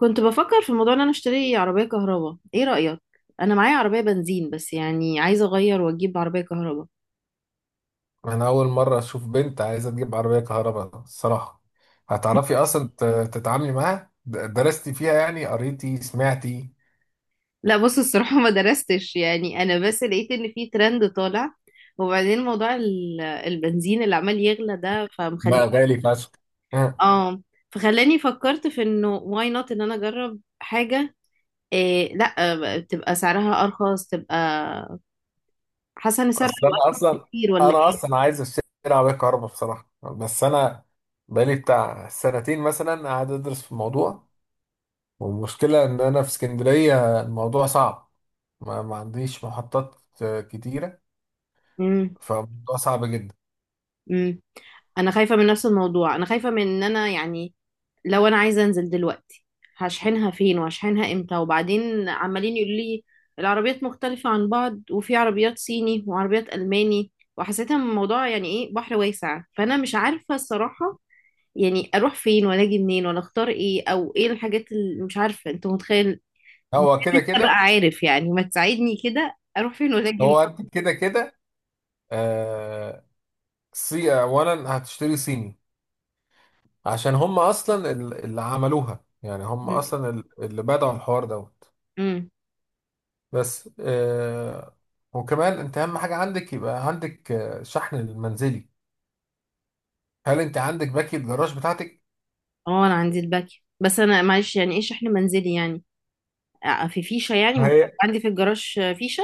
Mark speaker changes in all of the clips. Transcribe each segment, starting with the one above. Speaker 1: كنت بفكر في موضوع ان انا اشتري عربية كهرباء، ايه رأيك؟ انا معايا عربية بنزين بس يعني عايزة اغير واجيب عربية كهرباء.
Speaker 2: انا اول مره اشوف بنت عايزه تجيب عربيه كهرباء الصراحه. هتعرفي اصلا تتعاملي معاها، درستي فيها يعني، قريتي سمعتي؟
Speaker 1: لا بص الصراحة ما درستش، يعني انا بس لقيت ان في ترند طالع، وبعدين موضوع البنزين اللي عمال يغلى ده فمخلي.
Speaker 2: بقى غالي فشخ. أه.
Speaker 1: اه، فخلاني فكرت في انه واي نوت ان انا اجرب حاجة. إيه لا تبقى سعرها ارخص، تبقى حاسة ان سعرها
Speaker 2: اصل
Speaker 1: هيبقى
Speaker 2: انا
Speaker 1: ارخص
Speaker 2: اصلا
Speaker 1: كتير ولا
Speaker 2: انا
Speaker 1: ايه؟
Speaker 2: اصلا عايز اشتري عربيه كهرباء بصراحه، بس انا بقالي بتاع سنتين مثلا قاعد ادرس في الموضوع. والمشكله ان انا في اسكندريه الموضوع صعب. ما عنديش محطات. آه، كتيره.
Speaker 1: مم.
Speaker 2: فالموضوع صعب جدا.
Speaker 1: امم، انا خايفه من نفس الموضوع، انا خايفه من ان انا يعني لو انا عايزه انزل دلوقتي هشحنها فين وهشحنها امتى؟ وبعدين عمالين يقولوا لي العربيات مختلفه عن بعض، وفي عربيات صيني وعربيات الماني، وحسيتها من الموضوع يعني ايه بحر واسع، فانا مش عارفه الصراحه يعني اروح فين ولا اجي منين ولا اختار ايه او ايه الحاجات اللي مش عارفه، انت متخيل؟
Speaker 2: هو كده
Speaker 1: انت بقى
Speaker 2: كده.
Speaker 1: عارف يعني، ما تساعدني كده اروح فين ولا اجي
Speaker 2: هو انت كده كده، آه، سي اولا هتشتري صيني، عشان هم اصلا اللي عملوها، يعني هم اصلا اللي بدأوا الحوار دوت.
Speaker 1: منين.
Speaker 2: بس وكمان انت اهم حاجه عندك يبقى عندك شحن المنزلي. هل انت عندك باكي الجراج بتاعتك؟
Speaker 1: اه انا عندي الباك، بس انا معلش يعني ايه شحن منزلي يعني؟ في فيشه يعني
Speaker 2: ما
Speaker 1: المفروض
Speaker 2: هي
Speaker 1: عندي في الجراج، فيشه.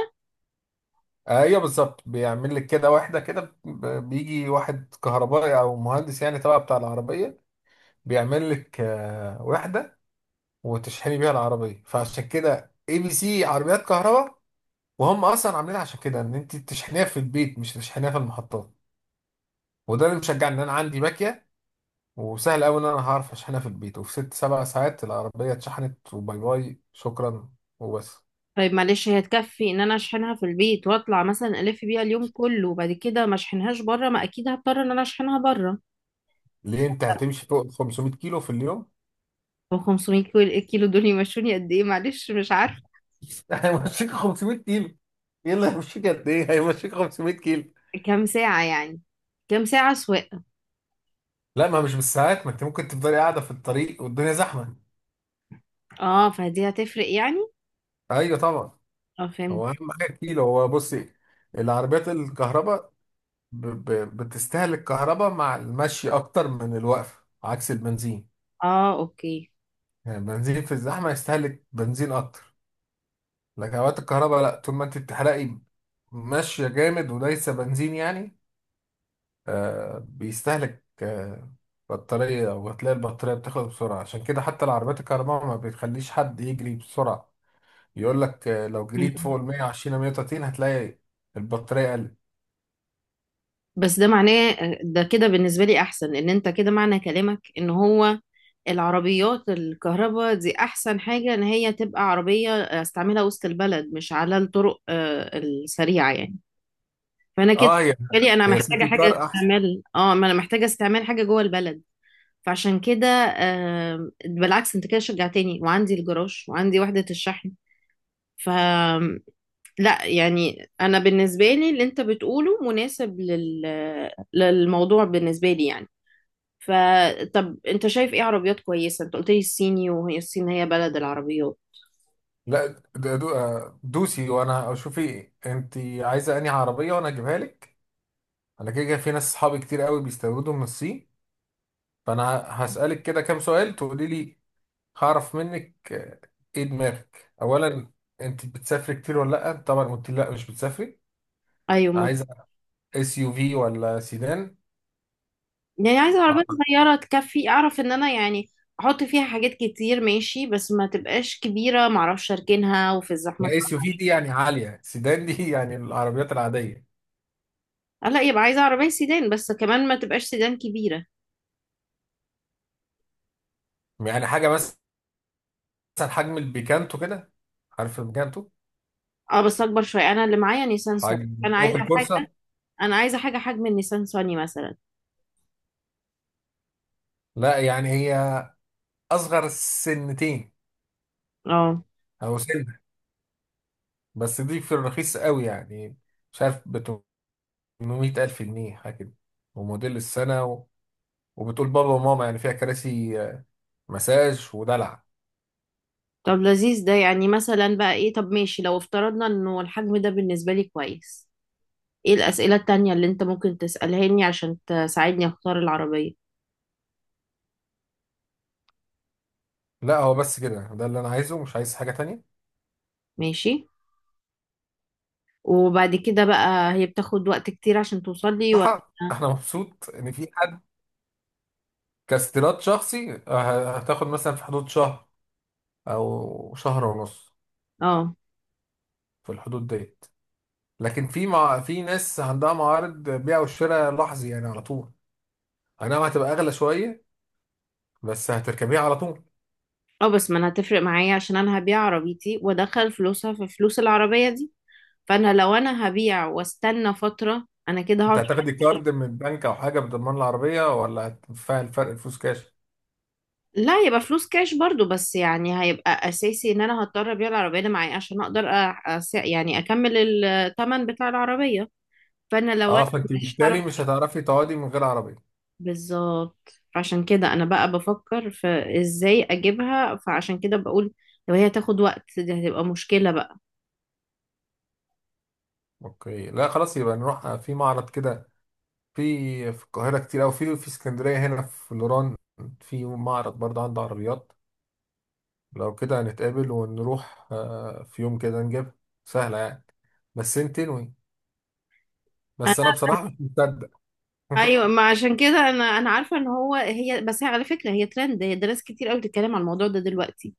Speaker 2: ايوه بالظبط، بيعمل لك كده واحده كده، بيجي واحد كهربائي او مهندس يعني تبع بتاع العربيه، بيعمل لك واحده وتشحني بيها العربيه. فعشان كده ABC عربيات كهرباء، وهم اصلا عاملينها عشان كده ان انت تشحنيها في البيت مش تشحنيها في المحطات. وده اللي مشجعني ان انا عندي باكيه، وسهل قوي ان انا هعرف اشحنها في البيت، وفي ست سبع ساعات العربيه اتشحنت وباي باي شكرا وبس.
Speaker 1: طيب معلش، هي تكفي ان انا اشحنها في البيت واطلع مثلا الف بيها اليوم كله، وبعد كده ما اشحنهاش بره؟ ما اكيد هضطر ان انا اشحنها بره.
Speaker 2: ليه، انت هتمشي فوق ال 500 كيلو في اليوم؟
Speaker 1: هو 500 كيلو؟ الكيلو دول يمشوني قد ايه؟ معلش مش عارفه.
Speaker 2: هيمشيك 500 كيلو. ايه اللي هيمشيك؟ قد ايه هيمشيك؟ 500 كيلو.
Speaker 1: كام ساعه يعني، كام ساعه سواقه؟
Speaker 2: لا، ما مش بالساعات. ما انت ممكن تفضلي قاعده في الطريق والدنيا زحمه.
Speaker 1: اه، فدي هتفرق يعني.
Speaker 2: ايوه طبعا.
Speaker 1: اه فهمت.
Speaker 2: هو اهم حاجه الكيلو. هو بصي، العربيات الكهرباء ب... ب... بتستهلك كهرباء مع المشي اكتر من الوقفه عكس البنزين.
Speaker 1: اه اوكي.
Speaker 2: يعني البنزين في الزحمه يستهلك بنزين اكتر. لكن اوقات الكهرباء لا، طول ما انت بتحرقي ماشيه جامد وليس بنزين يعني، بيستهلك بطاريه، وهتلاقي البطاريه بتخلص بسرعه. عشان كده حتى العربيات الكهرباء ما بتخليش حد يجري بسرعه، يقول لك لو جريت
Speaker 1: مم.
Speaker 2: فوق ال 120 أو 130 هتلاقي البطاريه قلت.
Speaker 1: بس ده معناه، ده كده بالنسبه لي احسن، ان انت كده معنى كلامك ان هو العربيات الكهرباء دي احسن حاجة ان هي تبقى عربية استعملها وسط البلد، مش على الطرق السريعة يعني. فانا كده
Speaker 2: اه، هي
Speaker 1: بالنسبة لي انا
Speaker 2: هي
Speaker 1: محتاجة
Speaker 2: سيتي كار.
Speaker 1: حاجة استعمال، اه ما انا محتاجة استعمال حاجة جوه البلد. فعشان كده بالعكس انت كده شجعتني، وعندي الجراج وعندي وحدة الشحن. ف لا يعني انا بالنسبة لي اللي انت بتقوله مناسب للموضوع بالنسبة لي يعني. فطب انت شايف ايه عربيات كويسة؟ انت قلت لي الصيني، وهي الصين هي بلد العربيات.
Speaker 2: لا، ده دو آه، دوسي. وانا شوفي انت عايزه انهي عربيه وانا اجيبها لك. انا كده كده في ناس صحابي كتير قوي بيستوردوا من الصين. فانا هسالك كده كام سؤال تقولي لي هعرف منك ايه دماغك اولا؟ انت بتسافري كتير ولا لا؟ طبعا قلت لي لا مش بتسافري.
Speaker 1: ايوه مظبوط.
Speaker 2: عايزه اس يو في ولا سيدان؟
Speaker 1: يعني عايزة عربية
Speaker 2: آه،
Speaker 1: صغيرة تكفي اعرف ان انا يعني احط فيها حاجات كتير، ماشي بس ما تبقاش كبيرة، معرفش اركنها وفي الزحمة.
Speaker 2: اس يو في دي يعني عاليه، سيدان دي يعني العربيات العاديه.
Speaker 1: اه لا، يبقى عايزة عربية سيدان بس كمان ما تبقاش سيدان كبيرة.
Speaker 2: يعني حاجه مثلا حجم البيكانتو كده، عارف البيكانتو؟
Speaker 1: اه بس اكبر شوية، انا اللي معايا نيسان صني.
Speaker 2: حجم
Speaker 1: انا عايزة
Speaker 2: اوبل
Speaker 1: حاجة،
Speaker 2: كورسا.
Speaker 1: انا عايزة حاجة حجم النيسان صني مثلا.
Speaker 2: لا يعني هي اصغر سنتين
Speaker 1: اه.
Speaker 2: او سنه. بس دي في الرخيص قوي يعني، مش عارف ب 800 الف جنيه حاجه كده، وموديل السنه وبتقول بابا وماما، يعني فيها كراسي مساج ودلع.
Speaker 1: طب لذيذ ده، يعني مثلا بقى ايه؟ طب ماشي لو افترضنا انه الحجم ده بالنسبة لي كويس، ايه الأسئلة التانية اللي انت ممكن تسألهاني عشان تساعدني اختار العربية؟
Speaker 2: لا، هو بس كده ده اللي انا عايزه، مش عايز حاجه تانية.
Speaker 1: ماشي. وبعد كده بقى، هي بتاخد وقت كتير عشان توصل لي ولا؟
Speaker 2: صح، انا مبسوط ان في حد كاستيراد شخصي. هتاخد مثلا في حدود شهر او شهر ونص،
Speaker 1: اه.
Speaker 2: في الحدود ديت. لكن في ناس عندها معارض بيع وشراء لحظي يعني على طول. انا هتبقى اغلى شويه بس هتركبيها على طول.
Speaker 1: اه بس ما انا هتفرق معايا، عشان انا هبيع عربيتي وادخل فلوسها في فلوس العربية دي، فانا لو انا هبيع واستنى فترة انا كده
Speaker 2: انت
Speaker 1: هقعد.
Speaker 2: هتاخدي كارد من البنك او حاجه بضمان العربيه، ولا هتدفعي الفرق الفلوس كاش؟
Speaker 1: لا يبقى فلوس كاش برضو، بس يعني هيبقى اساسي ان انا هضطر ابيع العربية اللي معايا عشان اقدر يعني اكمل الثمن بتاع العربية. فانا لو انا
Speaker 2: اه، فانت
Speaker 1: مش هعرف.
Speaker 2: بالتالي مش هتعرفي تقعدي من غير عربيه.
Speaker 1: بالظبط، فعشان كده انا بقى بفكر في ازاي اجيبها، فعشان كده بقول لو هي تاخد وقت دي هتبقى مشكلة بقى.
Speaker 2: اوكي، لا خلاص، يبقى نروح في معرض كده. في القاهره كتير، او في اسكندريه هنا في الوران في معرض برضه عنده عربيات. لو كده هنتقابل ونروح في يوم كده نجيبها. سهله يعني، بس انت تنوي.
Speaker 1: أنا،
Speaker 2: بس انا بصراحه مش مصدق.
Speaker 1: ايوه ما عشان كده انا عارفة ان هو هي، بس هي على فكرة هي ترند، هي ناس كتير قوي بتتكلم عن الموضوع ده دلوقتي،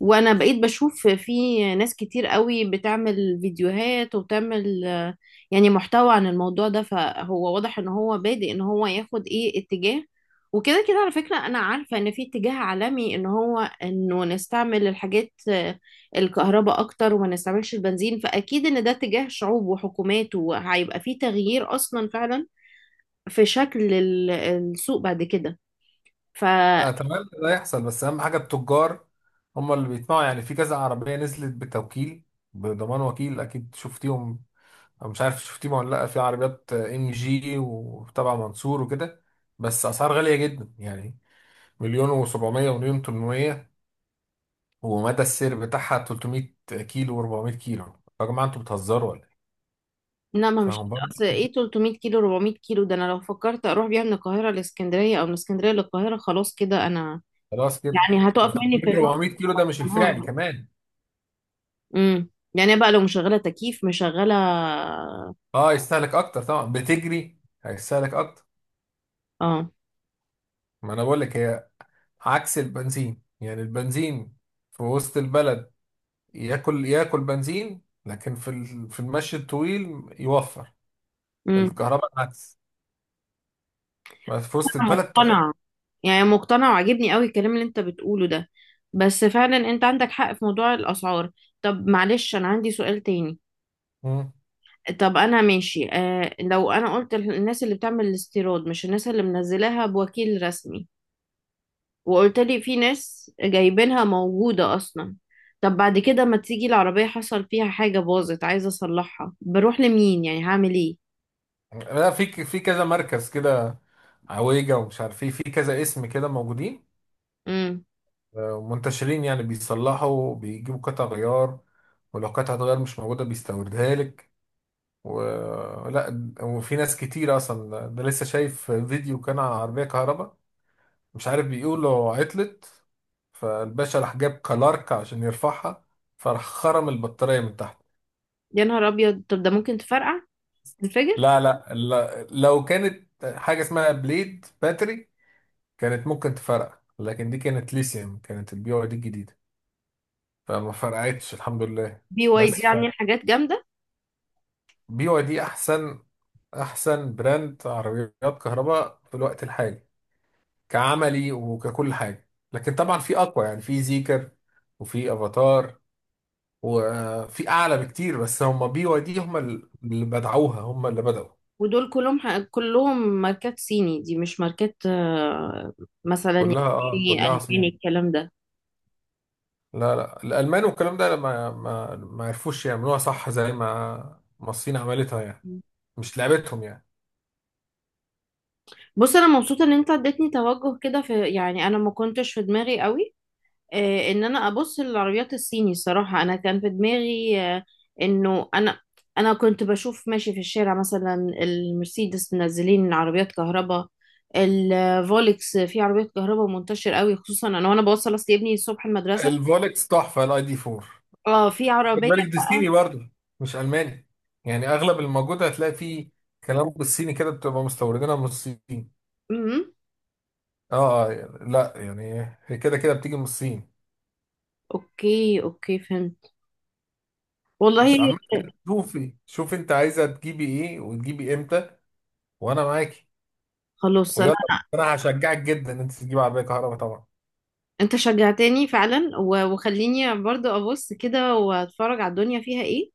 Speaker 1: وانا بقيت بشوف في ناس كتير قوي بتعمل فيديوهات وبتعمل يعني محتوى عن الموضوع ده، فهو واضح ان هو بادئ ان هو ياخد ايه اتجاه. وكده كده على فكرة انا عارفة ان في اتجاه عالمي ان هو انه نستعمل الحاجات الكهرباء اكتر وما نستعملش البنزين، فاكيد ان ده اتجاه شعوب وحكومات، وهيبقى في تغيير اصلا فعلا في شكل السوق بعد كده. ف
Speaker 2: اتمنى ده يحصل، بس اهم حاجه التجار هم اللي بيطمعوا، يعني في كذا عربيه نزلت بتوكيل بضمان وكيل، اكيد شفتيهم، أو مش عارف شفتيهم ولا لا؟ في عربيات MG وتبع منصور وكده، بس اسعار غاليه جدا يعني، مليون و700 ومليون 800، ومدى السير بتاعها 300 كيلو و400 كيلو. يا جماعه انتوا بتهزروا ولا إيه؟
Speaker 1: لا ما مش.
Speaker 2: فاهم برضه.
Speaker 1: اصل ايه 300 كيلو 400 كيلو، ده انا لو فكرت اروح بيها من القاهره لاسكندريه او من اسكندريه للقاهره خلاص كده انا
Speaker 2: خلاص كده.
Speaker 1: يعني
Speaker 2: ده
Speaker 1: هتقف مني في
Speaker 2: 300
Speaker 1: النص.
Speaker 2: 400 كيلو ده مش الفعلي
Speaker 1: اه.
Speaker 2: كمان.
Speaker 1: امم، يعني بقى لو مشغله تكييف مشغله.
Speaker 2: اه، يستهلك اكتر طبعا، بتجري هيستهلك اكتر.
Speaker 1: اه.
Speaker 2: ما انا بقول لك، هي عكس البنزين. يعني البنزين في وسط البلد ياكل ياكل بنزين، لكن في في المشي الطويل يوفر.
Speaker 1: امم.
Speaker 2: الكهرباء العكس، بس في وسط
Speaker 1: انا
Speaker 2: البلد تحفة.
Speaker 1: مقتنعه، يعني مقتنعه وعاجبني قوي الكلام اللي انت بتقوله ده، بس فعلا انت عندك حق في موضوع الاسعار. طب معلش انا عندي سؤال تاني.
Speaker 2: مم.
Speaker 1: طب انا ماشي، آه لو انا قلت الناس اللي بتعمل الاستيراد مش الناس اللي منزلاها بوكيل رسمي، وقلت لي في ناس جايبينها موجودة أصلا، طب بعد كده ما تيجي العربية حصل فيها حاجة باظت عايزة أصلحها، بروح لمين يعني؟ هعمل إيه؟
Speaker 2: لا، في في كذا مركز كده، عويجة ومش عارف ايه، في كذا اسم كده موجودين،
Speaker 1: امم.
Speaker 2: منتشرين يعني، بيصلحوا بيجيبوا قطع غيار، ولو قطعة غيار مش موجودة بيستوردها لك. ولا وفي ناس كتير اصلا. ده لسه شايف فيديو كان على عربية كهرباء، مش عارف، بيقولوا عطلت، فالباشا راح جاب كلارك عشان يرفعها، فراح خرم البطارية من تحت.
Speaker 1: يا نهار أبيض، طب ده ممكن تفرقع، تنفجر؟
Speaker 2: لا، لا، لو كانت حاجة اسمها بليد باتري كانت ممكن تفرقع، لكن دي كانت ليثيوم، كانت الـBYD الجديدة، فما فرقعتش الحمد لله.
Speaker 1: بي واي دي
Speaker 2: بس
Speaker 1: عاملين حاجات جامدة.
Speaker 2: فBYD أحسن، أحسن براند عربيات كهرباء في الوقت الحالي كعملي وككل حاجة. لكن طبعا في أقوى، يعني في زيكر وفي افاتار وفي اعلى بكتير، بس هم BYD هم اللي بدعوها هم اللي بدأوا.
Speaker 1: ودول كلهم كلهم ماركات صيني، دي مش ماركات مثلا
Speaker 2: كلها اه
Speaker 1: يعني
Speaker 2: كلها
Speaker 1: ألماني
Speaker 2: صين.
Speaker 1: الكلام ده؟
Speaker 2: لا لا، الالمان والكلام ده ما عرفوش يعملوها صح، زي ما ما الصين عملتها يعني، مش لعبتهم يعني.
Speaker 1: بص أنا مبسوطة إن أنت اديتني توجه كده في، يعني أنا ما كنتش في دماغي قوي ان انا ابص للعربيات الصيني. صراحة انا كان في دماغي انه انا كنت بشوف ماشي في الشارع مثلا المرسيدس منزلين عربيات كهرباء، الفولكس في عربيات كهرباء منتشر قوي، خصوصا انا وانا بوصل اصل ابني الصبح المدرسة.
Speaker 2: الفولكس تحفه، الاي دي 4.
Speaker 1: اه في
Speaker 2: خد
Speaker 1: عربية
Speaker 2: بالك دي صيني
Speaker 1: بقى.
Speaker 2: برضه مش الماني. يعني اغلب الموجود هتلاقي فيه كلام بالصيني كده، بتبقى مستوردينها من الصين.
Speaker 1: امم.
Speaker 2: لا يعني هي كده كده بتيجي من الصين.
Speaker 1: اوكي اوكي فهمت. والله،
Speaker 2: بس عامة، شوفي شوفي انت عايزة تجيبي ايه وتجيبي امتى وانا معاكي.
Speaker 1: خلاص انا،
Speaker 2: ويلا، انا هشجعك جدا ان انت تجيبي عربية كهرباء طبعا.
Speaker 1: انت شجعتني فعلا، وخليني برضو ابص كده واتفرج على الدنيا فيها ايه،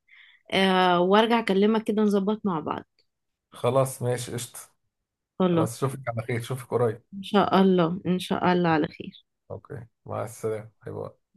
Speaker 1: آه وارجع اكلمك كده نظبط مع بعض.
Speaker 2: خلاص ماشي قشطة.
Speaker 1: خلاص.
Speaker 2: خلاص اشوفك على خير، اشوفك قريب.
Speaker 1: ان شاء الله ان شاء الله على خير.
Speaker 2: اوكي، مع السلامة، باي باي.